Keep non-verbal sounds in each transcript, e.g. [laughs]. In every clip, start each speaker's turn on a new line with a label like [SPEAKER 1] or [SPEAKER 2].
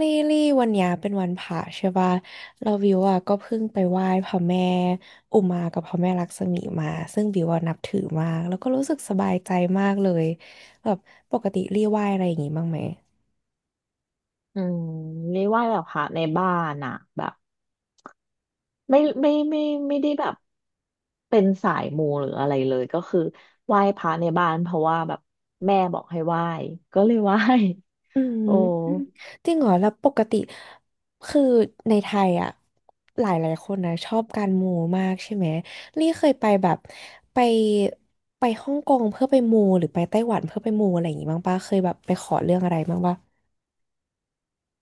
[SPEAKER 1] ลี่ลี่วันเนี้ยเป็นวันพระใช่ป่ะเราวิวอ่ะก็เพิ่งไปไหว้พระแม่อุมากับพระแม่ลักษมีมาซึ่งวิวอ่ะนับถือมากแล้วก็รู้สึกสบายใจมากเลยแบบปกติลี่ไหว้อะไรอย่างงี้บ้างไหม
[SPEAKER 2] อืมนี่ไหว่าแบบพระในบ้านอะแบบไม่ไม่ไม่ไม่ได้แบบเป็นสายมูหรืออะไรเลยก็คือไหว้พระในบ้านเพราะว่าแบบแม่บอกให้ไหว้ก็เลยไหว้
[SPEAKER 1] อื
[SPEAKER 2] [laughs] โอ้
[SPEAKER 1] มจริงเหรอแล้วปกติคือในไทยอ่ะหลายหลายคนนะชอบการมูมากใช่ไหมลี่เคยไปแบบไปไปฮ่องกงเพื่อไปมูหรือไปไต้หวันเพื่อไปมูอะไรอย่างงี้บ้างป่ะเคยแบบไปขอเรื่องอะไรบ้างป่ะ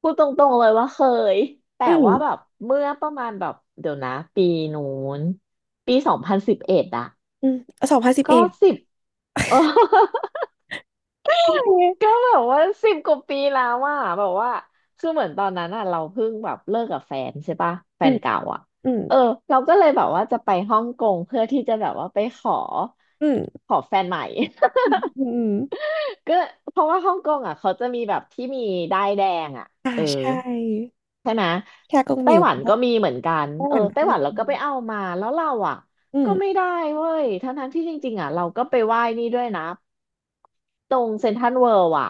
[SPEAKER 2] พูดตรงๆเลยว่าเคยแต่
[SPEAKER 1] อืม
[SPEAKER 2] ว่าแบบเมื่อประมาณแบบเดี๋ยวนะปีนู้นปี2011อะ
[SPEAKER 1] อืมสองพันสิบเอ็
[SPEAKER 2] ก็
[SPEAKER 1] ด
[SPEAKER 2] สิบ [laughs] เออ
[SPEAKER 1] โอเ
[SPEAKER 2] ก็
[SPEAKER 1] ค
[SPEAKER 2] แบบว่าสิบกว่าปีแล้วอ่ะแบบว่าคือเหมือนตอนนั้นอ่ะเราเพิ่งแบบเลิกกับแฟนใช่ปะแฟ
[SPEAKER 1] อื
[SPEAKER 2] น
[SPEAKER 1] ม
[SPEAKER 2] เก่าอ่ะ
[SPEAKER 1] อืม
[SPEAKER 2] เออเราก็เลยแบบว่าจะไปฮ่องกงเพื่อที่จะแบบว่าไปขอ
[SPEAKER 1] อืม
[SPEAKER 2] แฟนใหม่
[SPEAKER 1] อืม
[SPEAKER 2] [laughs]
[SPEAKER 1] อืมอม
[SPEAKER 2] ก็เพราะว่าฮ่องกงอ่ะเขาจะมีแบบที่มีด้ายแดงอ่ะ
[SPEAKER 1] อ่า
[SPEAKER 2] เออ
[SPEAKER 1] ใช่
[SPEAKER 2] ใช่ไหม
[SPEAKER 1] ชากงห
[SPEAKER 2] ไต้
[SPEAKER 1] มิว
[SPEAKER 2] หวัน
[SPEAKER 1] ก็
[SPEAKER 2] ก็มีเหมือนกัน
[SPEAKER 1] เมื่
[SPEAKER 2] เออ
[SPEAKER 1] วันก็
[SPEAKER 2] ไต้ห
[SPEAKER 1] มี
[SPEAKER 2] วันเราก็ไปเอามาแล้วเราอ่ะ
[SPEAKER 1] อืม
[SPEAKER 2] ก็ไม่ได้เว้ยทั้งๆที่จริงๆอ่ะเราก็ไปไหว้นี่ด้วยนะตรงเซ็นทรัลเวิลด์อ่ะ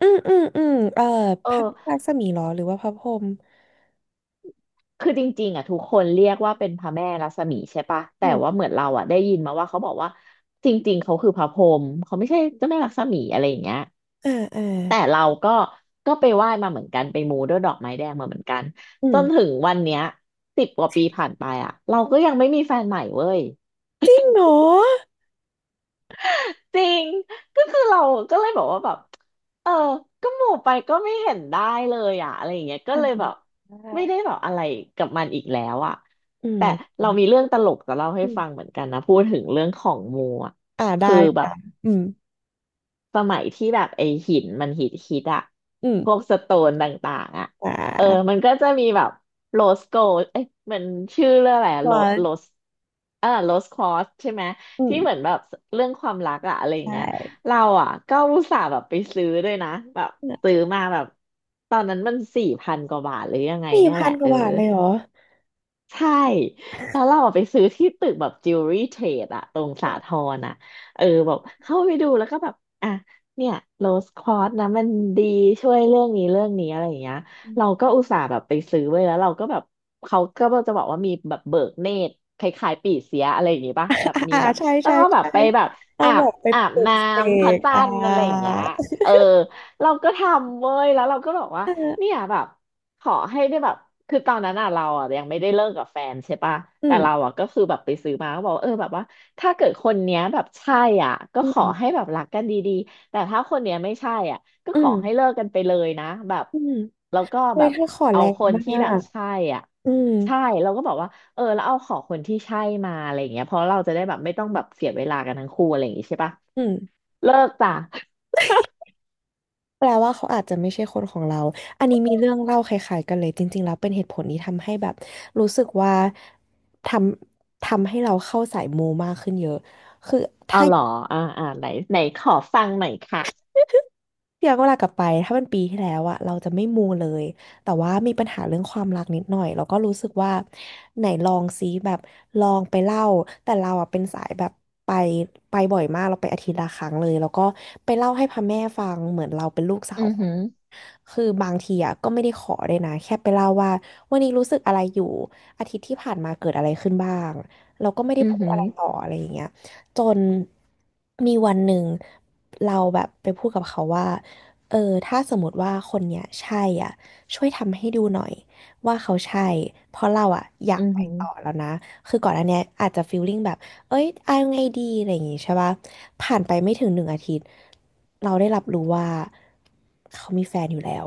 [SPEAKER 1] อืมอืมอืม
[SPEAKER 2] เอ
[SPEAKER 1] พ
[SPEAKER 2] อ
[SPEAKER 1] ระรักษมีเหรอหรือว่าพระพรหม
[SPEAKER 2] คือจริงๆอ่ะทุกคนเรียกว่าเป็นพระแม่รัศมีใช่ปะแต่
[SPEAKER 1] อื
[SPEAKER 2] ว่า
[SPEAKER 1] ม
[SPEAKER 2] เหมือนเราอ่ะได้ยินมาว่าเขาบอกว่าจริงๆเขาคือพระพรหมเขาไม่ใช่เจ้าแม่รัศมีอะไรอย่างเงี้ย
[SPEAKER 1] อ่าอ่า
[SPEAKER 2] แต่เราก็ไปไหว้มาเหมือนกันไปมูด้วยดอกไม้แดงมาเหมือนกัน
[SPEAKER 1] อื
[SPEAKER 2] จนถึ
[SPEAKER 1] ม
[SPEAKER 2] งวันเนี้ยสิบกว่าปีผ่านไปอ่ะเราก็ยังไม่มีแฟนใหม่เว้ย
[SPEAKER 1] จริงเหรอ
[SPEAKER 2] จริง ก็คือเราก็เลยบอกว่าแบบ เออก็หมู่ไปก็ไม่เห็นได้เลยอ่ะอะไรอย่างเงี้ยก็
[SPEAKER 1] อ่
[SPEAKER 2] เลย
[SPEAKER 1] า
[SPEAKER 2] แบบไม่ได้แบบอะไรกับมันอีกแล้วอ่ะ
[SPEAKER 1] อืม
[SPEAKER 2] แต่เรามีเรื่องตลกจะเล่าให้
[SPEAKER 1] อื
[SPEAKER 2] ฟัง
[SPEAKER 1] ม
[SPEAKER 2] เหมือนกันนะ พูดถึงเรื่องของหมู่อ่ะ
[SPEAKER 1] อ่าได้
[SPEAKER 2] คือแบบ
[SPEAKER 1] อืม
[SPEAKER 2] สมัยที่แบบไอหินมันฮิตฮิตอะ
[SPEAKER 1] อื
[SPEAKER 2] พวก
[SPEAKER 1] ม
[SPEAKER 2] สโตนต่างๆอะ
[SPEAKER 1] อ่า
[SPEAKER 2] เออมันก็จะมีแบบโรสโกเอ้ยมันชื่อเรื่องอะไรโร
[SPEAKER 1] วัน
[SPEAKER 2] โรสเออโรสคอสใช่ไหม
[SPEAKER 1] อืม
[SPEAKER 2] ที่เหมือนแบบเรื่องความรักอะอะไรอย่า
[SPEAKER 1] ใช่
[SPEAKER 2] งเงี้ยเราอะก็อุตส่าห์แบบไปซื้อด้วยนะแบบซื้อมาแบบตอนนั้นมันสี่พันกว่าบาทหรือยังไง
[SPEAKER 1] สี่
[SPEAKER 2] เนี่ยแห
[SPEAKER 1] พั
[SPEAKER 2] ละ
[SPEAKER 1] นก
[SPEAKER 2] เอ
[SPEAKER 1] ว่า
[SPEAKER 2] อ
[SPEAKER 1] บาทเลยเหรอ
[SPEAKER 2] ใช่แล้วเราอะไปซื้อที่ตึกแบบจิวเวลรี่เทรดอะตรงสาทรอะเออแบบเข้าไปดูแล้วก็แบบอ่ะเนี่ยโรสควอตนะมันดีช่วยเรื่องนี้เรื่องนี้อะไรอย่างเงี้ยเราก็อุตส่าห์แบบไปซื้อไว้แล้วเราก็แบบเขาก็จะบอกว่ามีแบบเบิกเนตรคล้ายๆปีเสียอะไรอย่างงี้ปะ
[SPEAKER 1] อ่า
[SPEAKER 2] แบบมี
[SPEAKER 1] อ่า
[SPEAKER 2] แบบ
[SPEAKER 1] ใช่
[SPEAKER 2] ต้อ
[SPEAKER 1] ใช่
[SPEAKER 2] งเอาแบบ
[SPEAKER 1] ใช่
[SPEAKER 2] ไปแบบ
[SPEAKER 1] ต้อ
[SPEAKER 2] อา
[SPEAKER 1] งบ
[SPEAKER 2] บ
[SPEAKER 1] อกไป
[SPEAKER 2] อาบ
[SPEAKER 1] ปลุก
[SPEAKER 2] น้
[SPEAKER 1] เส
[SPEAKER 2] ำพระ
[SPEAKER 1] ก
[SPEAKER 2] จั
[SPEAKER 1] อ่า
[SPEAKER 2] นทร์อะไรอย่างเงี้ยเออ เราก็ทำเว้ยแล้วเราก็บอกว่า
[SPEAKER 1] อ
[SPEAKER 2] เนี่
[SPEAKER 1] อา
[SPEAKER 2] ยแบบขอให้ได้แบบคือตอนนั้นอ่ะเราอ่ะยังไม่ได้เลิกกับแฟนใช่ปะ
[SPEAKER 1] อื
[SPEAKER 2] แต่
[SPEAKER 1] ม
[SPEAKER 2] เราอ่ะก็คือแบบไปซื้อมาก็บอกว่าเออแบบว่าถ้าเกิดคนเนี้ยแบบใช่อ่ะก็
[SPEAKER 1] อื
[SPEAKER 2] ขอ
[SPEAKER 1] ม
[SPEAKER 2] ให้แบบรักกันดีๆแต่ถ้าคนเนี้ยไม่ใช่อ่ะก็
[SPEAKER 1] อื
[SPEAKER 2] ขอให้เลิ
[SPEAKER 1] ม
[SPEAKER 2] กกันไปเลยนะแบบ
[SPEAKER 1] อืม
[SPEAKER 2] แล้วก็
[SPEAKER 1] เฮ้
[SPEAKER 2] แบ
[SPEAKER 1] ย
[SPEAKER 2] บ
[SPEAKER 1] ถ้าขอแร
[SPEAKER 2] เอา
[SPEAKER 1] ง
[SPEAKER 2] คน
[SPEAKER 1] มา
[SPEAKER 2] ที่แบบ
[SPEAKER 1] ก
[SPEAKER 2] ใช่อ่ะ
[SPEAKER 1] อืม
[SPEAKER 2] ใช่เราก็บอกว่าเออแล้วเอาขอคนที่ใช่มาอะไรอย่างเงี้ยเพราะเราจะได้แบบไม่ต้องแบบเสียเวลากันทั้งคู่อะไรอย่างงี้ใช่ปะ
[SPEAKER 1] อืม
[SPEAKER 2] เลิกจ้ะ
[SPEAKER 1] แปลว่าเขาอาจจะไม่ใช่คนของเราอันนี้มีเรื่องเล่าคล้ายๆกันเลยจริงๆแล้วเป็นเหตุผลที่ทำให้แบบรู้สึกว่าททำให้เราเข้าสายมูมากขึ้นเยอะคือ
[SPEAKER 2] เอา
[SPEAKER 1] ถ้า
[SPEAKER 2] เหรออ่าอ่าไหนไหนขอฟังหน่อยค่ะ
[SPEAKER 1] พี่ย้อนเวลากลับไปถ้าเป็นปีที่แล้วอะเราจะไม่มูเลยแต่ว่ามีปัญหาเรื่องความรักนิดหน่อยแล้วก็รู้สึกว่าไหนลองซิแบบลองไปเล่าแต่เราอะเป็นสายแบบไปไปบ่อยมากเราไปอาทิตย์ละครั้งเลยแล้วก็ไปเล่าให้พ่อแม่ฟังเหมือนเราเป็นลูกสา
[SPEAKER 2] อื
[SPEAKER 1] ว
[SPEAKER 2] อหือ
[SPEAKER 1] คือบางทีอ่ะก็ไม่ได้ขอเลยนะแค่ไปเล่าว่าวันนี้รู้สึกอะไรอยู่อาทิตย์ที่ผ่านมาเกิดอะไรขึ้นบ้างเราก็ไม่ได้
[SPEAKER 2] อือ
[SPEAKER 1] พูด
[SPEAKER 2] หื
[SPEAKER 1] อะ
[SPEAKER 2] อ
[SPEAKER 1] ไรต่ออะไรอย่างเงี้ยจนมีวันหนึ่งเราแบบไปพูดกับเขาว่าเออถ้าสมมติว่าคนเนี้ยใช่อ่ะช่วยทำให้ดูหน่อยว่าเขาใช่เพราะเราอ่ะอยา
[SPEAKER 2] อื
[SPEAKER 1] ก
[SPEAKER 2] อ
[SPEAKER 1] ไป
[SPEAKER 2] หือ
[SPEAKER 1] ต่อแล้วนะคือก่อนอันเนี้ยอาจจะฟีลลิ่งแบบ เอ้ยเอาไงดีอะไรอย่างงี้ใช่ปะผ่านไปไม่ถึง1 อาทิตย์เราได้รับรู้ว่าเขามีแฟนอยู่แล้ว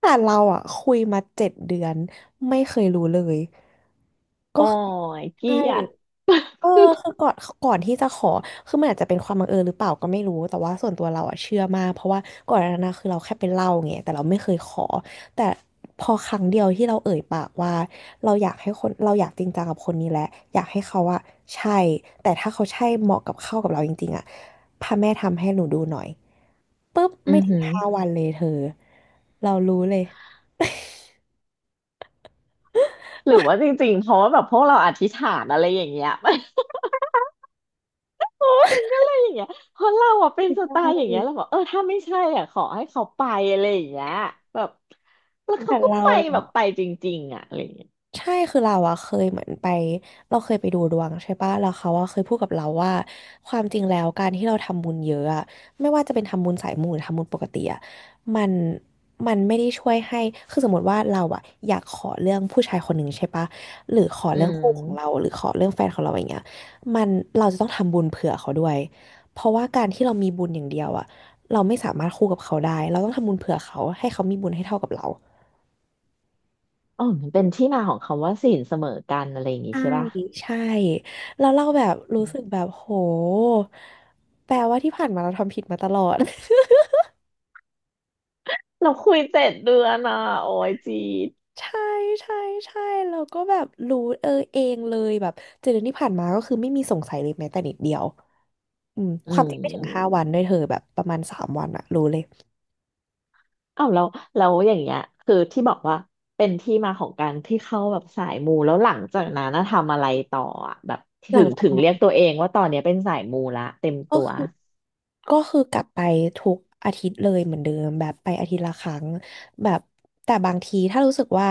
[SPEAKER 1] แต่เราอ่ะคุยมาเจ็ดเดือนไม่เคยรู้เลยก็
[SPEAKER 2] โอ้
[SPEAKER 1] คือ
[SPEAKER 2] ยเกลี
[SPEAKER 1] ใช่
[SPEAKER 2] ยด
[SPEAKER 1] เออคือก่อนที่จะขอคือมันอาจจะเป็นความบังเอิญหรือเปล่าก็ไม่รู้แต่ว่าส่วนตัวเราอะเชื่อมากเพราะว่าก่อนหน้านั้นนะคือเราแค่ไปเล่าไงแต่เราไม่เคยขอแต่พอครั้งเดียวที่เราเอ่ยปากว่าเราอยากให้คนเราอยากจริงจังกับคนนี้แหละอยากให้เขาอะใช่แต่ถ้าเขาใช่เหมาะกับเข้ากับเราจริงๆอะพระแม่ทำให้หนูดูหน่อยปุ๊บ
[SPEAKER 2] อื
[SPEAKER 1] ไม่
[SPEAKER 2] อ
[SPEAKER 1] ถึง
[SPEAKER 2] หือ
[SPEAKER 1] ห้าวันเลยเธอเรารู้เลย
[SPEAKER 2] หรือว่าจริงๆ เพราะว่าแบบพวกเราอธิษฐานอะไรอย่างเงี้ย [laughs] มันก็เลยอย่างเงี้ยเพราะเราอะเป็นสไตล์อย่างเงี้ยเราบอกเออถ้าไม่ใช่อ่ะขอให้เขาไปอะไรอย่างเงี้ยแบบแล้ว
[SPEAKER 1] แต่
[SPEAKER 2] เขาก็
[SPEAKER 1] เรา
[SPEAKER 2] ไปแบบไปจริงๆอ่ะอะไรอย่างเงี้ย
[SPEAKER 1] ใช่คือเราอะเคยเหมือนไปเราเคยไปดูดวงใช่ปะแล้วเขาอะเคยพูดกับเราว่าความจริงแล้วการที่เราทำบุญเยอะอะไม่ว่าจะเป็นทำบุญสายมูหรือทำบุญปกติอะมันมันไม่ได้ช่วยให้คือสมมติว่าเราอะอยากขอเรื่องผู้ชายคนหนึ่งใช่ปะหรือขอ
[SPEAKER 2] อื
[SPEAKER 1] เรื่องคู่ของเรา
[SPEAKER 2] ม
[SPEAKER 1] หรือขอเรื่องแฟนของเราอย่างเงี้ยมันเราจะต้องทำบุญเผื่อเขาด้วยเพราะว่าการที่เรามีบุญอย่างเดียวอะเราไม่สามารถคู่กับเขาได้เราต้องทำบุญเผื่อเขาให้เขามีบุญให้เท่ากับเรา
[SPEAKER 2] อ๋อมันเป็นที่มาของคำว่าศีลเสมอกันอะไรอย่างงี้
[SPEAKER 1] ใช่
[SPEAKER 2] ใช่ป่ะ
[SPEAKER 1] ใช่แล้วเราแบบรู้สึกแบบโหแปลว่าที่ผ่านมาเราทำผิดมาตลอด
[SPEAKER 2] เราคุย7 เดือนอ่ะโอ้ยจีด
[SPEAKER 1] [laughs] ใช่ใช่ใช่เราก็แบบรู้เออเองเลยแบบเจ็ดเดือนที่ผ่านมาก็คือไม่มีสงสัยเลยแม้แต่นิดเดียวอืม
[SPEAKER 2] อื
[SPEAKER 1] ความจริงไม่ถึงห้าวันด้วย
[SPEAKER 2] ม
[SPEAKER 1] เธอแบบประมาณ3 วันอะรู้เลย
[SPEAKER 2] อ้าวแล้วแล้วอย่างเงี้ยคือที่บอกว่าเป็นที่มาของการที่เข้าแบบสายมูแล้วหลังจากนั้นน่ะทำอะไรต่ออะแบบ
[SPEAKER 1] หลั
[SPEAKER 2] ถึ
[SPEAKER 1] ง
[SPEAKER 2] ง
[SPEAKER 1] จาก
[SPEAKER 2] ถึง
[SPEAKER 1] นั้
[SPEAKER 2] เรียก
[SPEAKER 1] น
[SPEAKER 2] ตัวเองว่าตอนเนี้ยเป็นสายมูละเต็ม
[SPEAKER 1] ก็
[SPEAKER 2] ตัว
[SPEAKER 1] คือ ก็คือกลับไปทุกอาทิตย์เลยเหมือนเดิมแบบไปอาทิตย์ละครั้งแบบแต่บางทีถ้ารู้สึกว่า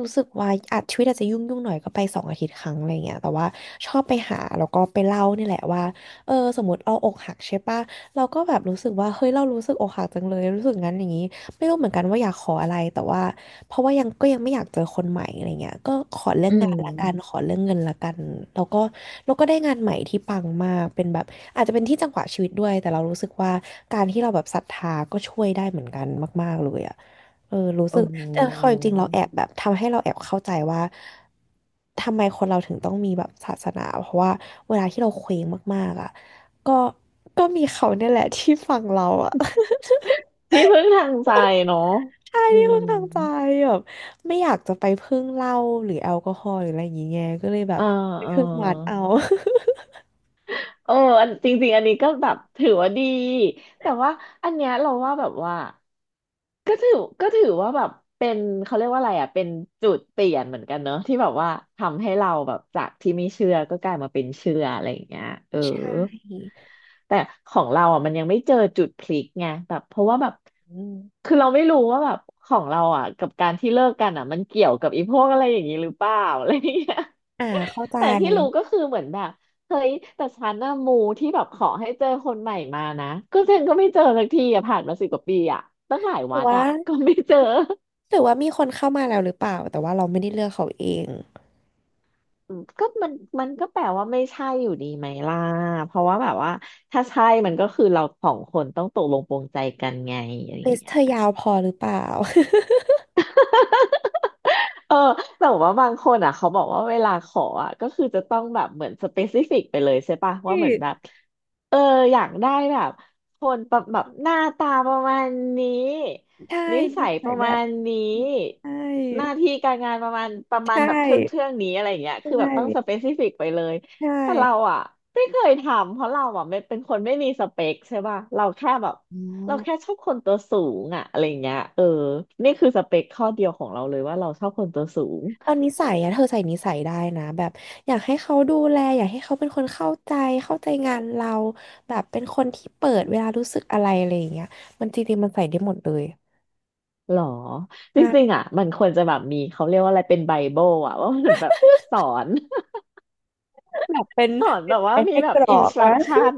[SPEAKER 1] รู้สึกว่าอาจชีวิตอาจจะยุ่งยุ่งหน่อยก็ไป2 อาทิตย์ครั้งอะไรเงี้ยแต่ว่าชอบไปหาแล้วก็ไปเล่านี่แหละว่าเออสมมติเราอกหักใช่ปะเราก็แบบรู้สึกว่าเฮ้ยเรารู้สึกอกหักจังเลยรู้สึกงั้นอย่างนี้ ไม่รู้เหมือนกันว่าอยากขออะไรแต่ว่าเพราะว่ายังยังไม่อยากเจอคนใหม่อะไรเงี้ยก็ขอเรื่อ
[SPEAKER 2] อื
[SPEAKER 1] ง
[SPEAKER 2] ม
[SPEAKER 1] งานละกันขอเรื่องเงินละกันแล้วก็แล้วก็ได้งานใหม่ที่ปังมากเป็นแบบอาจจะเป็นที่จังหวะชีวิตด้วยแต่เรารู้สึกว่าการที่เราแบบศรัทธาก็ช่วยได้เหมือนกันมากๆเลยอ่ะเออรู้สึ
[SPEAKER 2] โอ้
[SPEAKER 1] ก
[SPEAKER 2] โห
[SPEAKER 1] แต่ความจริงเราแอบแบบทำให้เราแอบเข้าใจว่าทำไมคนเราถึงต้องมีแบบศาสนาเพราะว่าเวลาที่เราเคว้งมากๆอ่ะก็มีเขาเนี่ยแหละที่ฟังเราอ่ะ
[SPEAKER 2] ที่พึ่งทางใจเนาะ
[SPEAKER 1] ใช่
[SPEAKER 2] อื
[SPEAKER 1] ที่พึ่ง
[SPEAKER 2] ม
[SPEAKER 1] ทางใจแบบไม่อยากจะไปพึ่งเหล้าหรือแอลกอฮอล์หรืออะไรอย่างเงี้ยก็เลยแบ
[SPEAKER 2] เอ
[SPEAKER 1] บ
[SPEAKER 2] อ
[SPEAKER 1] ไป
[SPEAKER 2] เออ
[SPEAKER 1] พึ่งวัดเอา
[SPEAKER 2] เอออันจริงๆอันนี้ก็แบบถือว่าดีแต่ว่าอันเนี้ยเราว่าแบบว่าก็ถือก็ถือว่าแบบเป็นเขาเรียกว่าอะไรอ่ะเป็นจุดเปลี่ยนเหมือนกันเนอะที่แบบว่าทำให้เราแบบจากที่ไม่เชื่อก็กลายมาเป็นเชื่ออะไรอย่างเงี้ยเออ
[SPEAKER 1] [laughs] ใช่
[SPEAKER 2] แต่ของเราอ่ะมันยังไม่เจอจุดพลิกไงแบบเพราะว่าแบบ
[SPEAKER 1] [laughs] อืม
[SPEAKER 2] คือเราไม่รู้ว่าแบบของเราอ่ะกับการที่เลิกกันอ่ะมันเกี่ยวกับอีพวกอะไรอย่างนี้หรือเปล่า [laughs] อะไรอย่างเงี้ย
[SPEAKER 1] อ่าเข้า
[SPEAKER 2] [laughs]
[SPEAKER 1] ใจ
[SPEAKER 2] แต่ที่รู้ก็คือเหมือนแบบเฮ้ยแต่ฉันน่ะมูที่แบบขอให้เจอคนใหม่มานะก็ฉันก็ไม่เจอสักทีอ่ะผ่านมาสิบกว่าปีอ่ะตั้งหลาย
[SPEAKER 1] หรื
[SPEAKER 2] วั
[SPEAKER 1] อ
[SPEAKER 2] ด
[SPEAKER 1] ว่า
[SPEAKER 2] อ่ะก็ไม่เจอ
[SPEAKER 1] หรือว่ามีคนเข้ามาแล้วหรือเปล่าแต่ว่าเราไม่ได้เลือกเขาเอง
[SPEAKER 2] อืมก็มันก็แปลว่าไม่ใช่อยู่ดีไหมล่ะเพราะว่าแบบว่าถ้าใช่มันก็คือเราสองคนต้องตกลงปรงใจกันไงอะไรอ
[SPEAKER 1] ลิ
[SPEAKER 2] ย่าง
[SPEAKER 1] สต์
[SPEAKER 2] เงี้
[SPEAKER 1] เธ
[SPEAKER 2] ย
[SPEAKER 1] อยาวพอหรือเปล่า
[SPEAKER 2] เออแต่ว่าบางคนอ่ะเขาบอกว่าเวลาขออ่ะก็คือจะต้องแบบเหมือนสเปซิฟิกไปเลยใช่ปะว่าเหมือนแบบเอออยากได้แบบคนประแบบหน้าตาประมาณนี้
[SPEAKER 1] [laughs] ใช่ใ
[SPEAKER 2] นิ
[SPEAKER 1] ช่นิ
[SPEAKER 2] สัย
[SPEAKER 1] สั
[SPEAKER 2] ป
[SPEAKER 1] ย
[SPEAKER 2] ระ
[SPEAKER 1] แบ
[SPEAKER 2] มา
[SPEAKER 1] บ
[SPEAKER 2] ณนี้
[SPEAKER 1] นี้ใช่
[SPEAKER 2] หน้าที่การงานประมาณประ
[SPEAKER 1] ใช
[SPEAKER 2] มาณแบบเทื่องเทื่อ
[SPEAKER 1] ่
[SPEAKER 2] งนี้อะไรอย่างเงี้ย
[SPEAKER 1] ใช
[SPEAKER 2] คือแบบต้องสเป
[SPEAKER 1] ่
[SPEAKER 2] ซิฟิกไปเลย
[SPEAKER 1] ใช่
[SPEAKER 2] แต่เราอ่ะไม่เคยทำเพราะเราอ่ะไม่เป็นคนไม่มีสเปคใช่ปะเราแค่แบบ
[SPEAKER 1] อ๋อ
[SPEAKER 2] เราแค่ชอบคนตัวสูงอะอะไรเงี้ยเออนี่คือสเปคข้อเดียวของเราเลยว่าเราชอบคนตัวสูง
[SPEAKER 1] เอานิสัยอะเธอใส่นิสัยได้นะแบบอยากให้เขาดูแลอยากให้เขาเป็นคนเข้าใจเข้าใจงานเราแบบเป็นคนที่เปิดเวลารู้สึกอะไรอะไรอย่างเงี้ยมันจริงๆมันใส่ได้หมดเลย
[SPEAKER 2] หรอ
[SPEAKER 1] [laughs]
[SPEAKER 2] จริง
[SPEAKER 1] ค่ะ
[SPEAKER 2] ๆอะมันควรจะแบบมีเขาเรียกว่าอะไรเป็นไบเบิลอะว่ามันแบบสอน
[SPEAKER 1] แบบเป็น
[SPEAKER 2] สอน
[SPEAKER 1] เป็
[SPEAKER 2] แบ
[SPEAKER 1] น
[SPEAKER 2] บ
[SPEAKER 1] อะ
[SPEAKER 2] ว่า
[SPEAKER 1] ไร
[SPEAKER 2] มี
[SPEAKER 1] ให้
[SPEAKER 2] แบ
[SPEAKER 1] ก
[SPEAKER 2] บ
[SPEAKER 1] รอ
[SPEAKER 2] อินส
[SPEAKER 1] ก
[SPEAKER 2] ตรั
[SPEAKER 1] นะ
[SPEAKER 2] กชั่น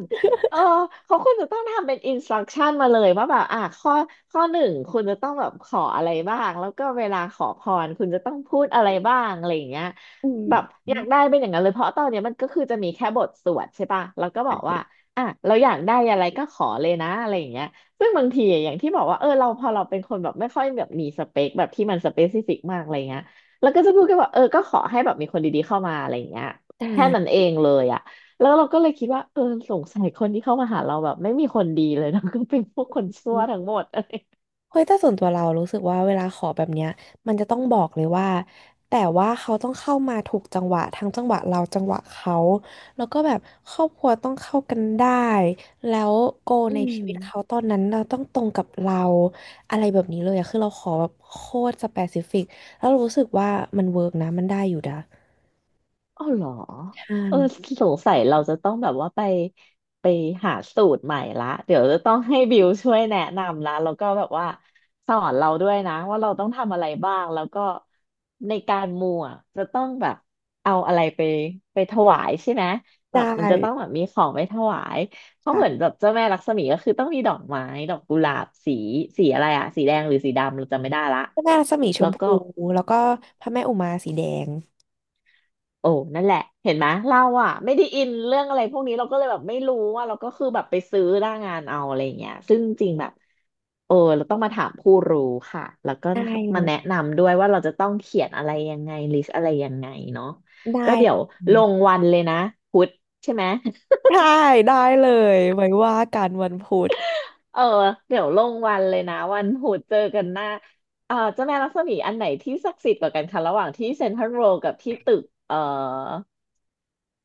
[SPEAKER 2] เออเขาควรจะต้องทำเป็นอินสตรักชั่นมาเลยว่าแบบอ่ะข้อหนึ่งคุณจะต้องแบบขออะไรบ้างแล้วก็เวลาขอพรคุณจะต้องพูดอะไรบ้างอะไรอย่างเงี้ย
[SPEAKER 1] อืม
[SPEAKER 2] แบบอยากได้เป็นอย่างนั้นเลยเพราะตอนเนี้ยมันก็คือจะมีแค่บทสวดใช่ปะแล้วก็บอกว่าอ่ะเราอยากได้อะไรก็ขอเลยนะอะไรอย่างเงี้ยซึ่งบางทีอะอย่างที่บอกว่าเออเราพอเราเป็นคนแบบไม่ค่อยแบบมีสเปคแบบที่มันสเปซิฟิกมากอะไรเงี้ยแล้วก็จะพูดกันว่าเออก็ขอให้แบบมีคนดีๆเข้ามาอะไรอย่างเงี้ย
[SPEAKER 1] ได
[SPEAKER 2] แค่นั้น
[SPEAKER 1] ้
[SPEAKER 2] เองเลยอะแล้วเราก็เลยคิดว่า เออ สงสัยคนที่เข้ามาหาเราแบบไม่มีคนดีเลย [laughs] นะก็เป็นพวกคนชั่วทั้งหมดอะไร
[SPEAKER 1] เฮ้ยแต่ส่วนตัวเรารู้สึกว่าเวลาขอแบบเนี้ยมันจะต้องบอกเลยว่าแต่ว่าเขาต้องเข้ามาถูกจังหวะทั้งจังหวะเราจังหวะเขาแล้วก็แบบครอบครัวต้องเข้ากันได้แล้วโก
[SPEAKER 2] อื
[SPEAKER 1] ในชี
[SPEAKER 2] ม
[SPEAKER 1] วิตเขาตอนนั้นเราต้องตรงกับเราอะไรแบบนี้เลยอะคือเราขอแบบโคตรสเปซิฟิกแล้วเรารู้สึกว่ามันเวิร์กนะมันได้อยู่นะ
[SPEAKER 2] อ๋อเหรอ
[SPEAKER 1] ใช่
[SPEAKER 2] เออสงสัยเราจะต้องแบบว่าไปไปหาสูตรใหม่ละเดี๋ยวจะต้องให้บิวช่วยแนะนำละแล้วก็แบบว่าสอนเราด้วยนะว่าเราต้องทำอะไรบ้างแล้วก็ในการมูอ่ะจะต้องแบบเอาอะไรไปถวายใช่ไหมแบ
[SPEAKER 1] ได้
[SPEAKER 2] บมันจะต้องแบบมีของไปถวายเพราะ
[SPEAKER 1] ใช่
[SPEAKER 2] เหมือนแบบเจ้าแม่ลักษมีก็คือต้องมีดอกไม้ดอกกุหลาบสีอะไรอะสีแดงหรือสีดำเราจำไม่ได้ละ
[SPEAKER 1] พระแม่รัศมีช
[SPEAKER 2] แล้
[SPEAKER 1] ม
[SPEAKER 2] วก็
[SPEAKER 1] พูแล้วก็พระแม่อุมาสีแดง
[SPEAKER 2] โอ้นั่นแหละเห็นไหมเราอะไม่ได้อินเรื่องอะไรพวกนี้เราก็เลยแบบไม่รู้ว่าเราก็คือแบบไปซื้อหน้างานเอาอะไรอย่างเงี้ยซึ่งจริงแบบโอ้เราต้องมาถามผู้รู้ค่ะแล้วก็
[SPEAKER 1] ได้เล
[SPEAKER 2] มาแนะ
[SPEAKER 1] ย
[SPEAKER 2] นำด้วยว่าเราจะต้องเขียนอะไรยังไงลิสต์อะไรยังไงเนาะก็
[SPEAKER 1] ได้
[SPEAKER 2] เดี๋ยวลงวันเลยนะพุธใช่ไหม
[SPEAKER 1] ได้ได้เลยไว้ว่ากันวันพุธ
[SPEAKER 2] เออเดี๋ยวลงวันเลยนะวันพุธเจอกันหน้าเออเจ้าแม่ลักษมีอันไหนที่ศักดิ์สิทธิ์กว่ากันคะระหว่างที่เซ็นทรัลเวิลด์กับที่ตึก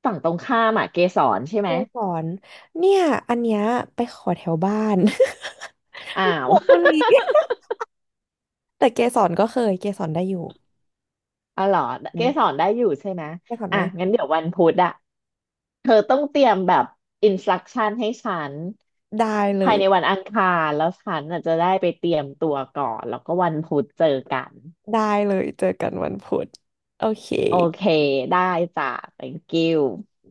[SPEAKER 2] ฝั่งตรงข้ามอะเกสรใช่ไห
[SPEAKER 1] เจ
[SPEAKER 2] ม
[SPEAKER 1] สอนเนี่ยอันเนี้ยไปขอแถวบ้าน
[SPEAKER 2] อ้า
[SPEAKER 1] [laughs] น
[SPEAKER 2] ว
[SPEAKER 1] นทบุรีแต่เกสรก็เคยเกสรได้อยู่
[SPEAKER 2] อ๋อเหรอเกสรได้อยู่ใช่ไหม
[SPEAKER 1] เกสร
[SPEAKER 2] อ่ะงั้น
[SPEAKER 1] ได้
[SPEAKER 2] เดี๋ยววันพุธอะเธอต้องเตรียมแบบอินสตรักชั่นให้ฉัน
[SPEAKER 1] ได้เล
[SPEAKER 2] ภาย
[SPEAKER 1] ย
[SPEAKER 2] ในวันอังคารแล้วฉันอาจจะได้ไปเตรียมตัวก่อนแล้วก็วันพุธเจอกัน
[SPEAKER 1] ได้เลยเจอกันวันพุธโอเค
[SPEAKER 2] โอเคได้จ้ะ thank you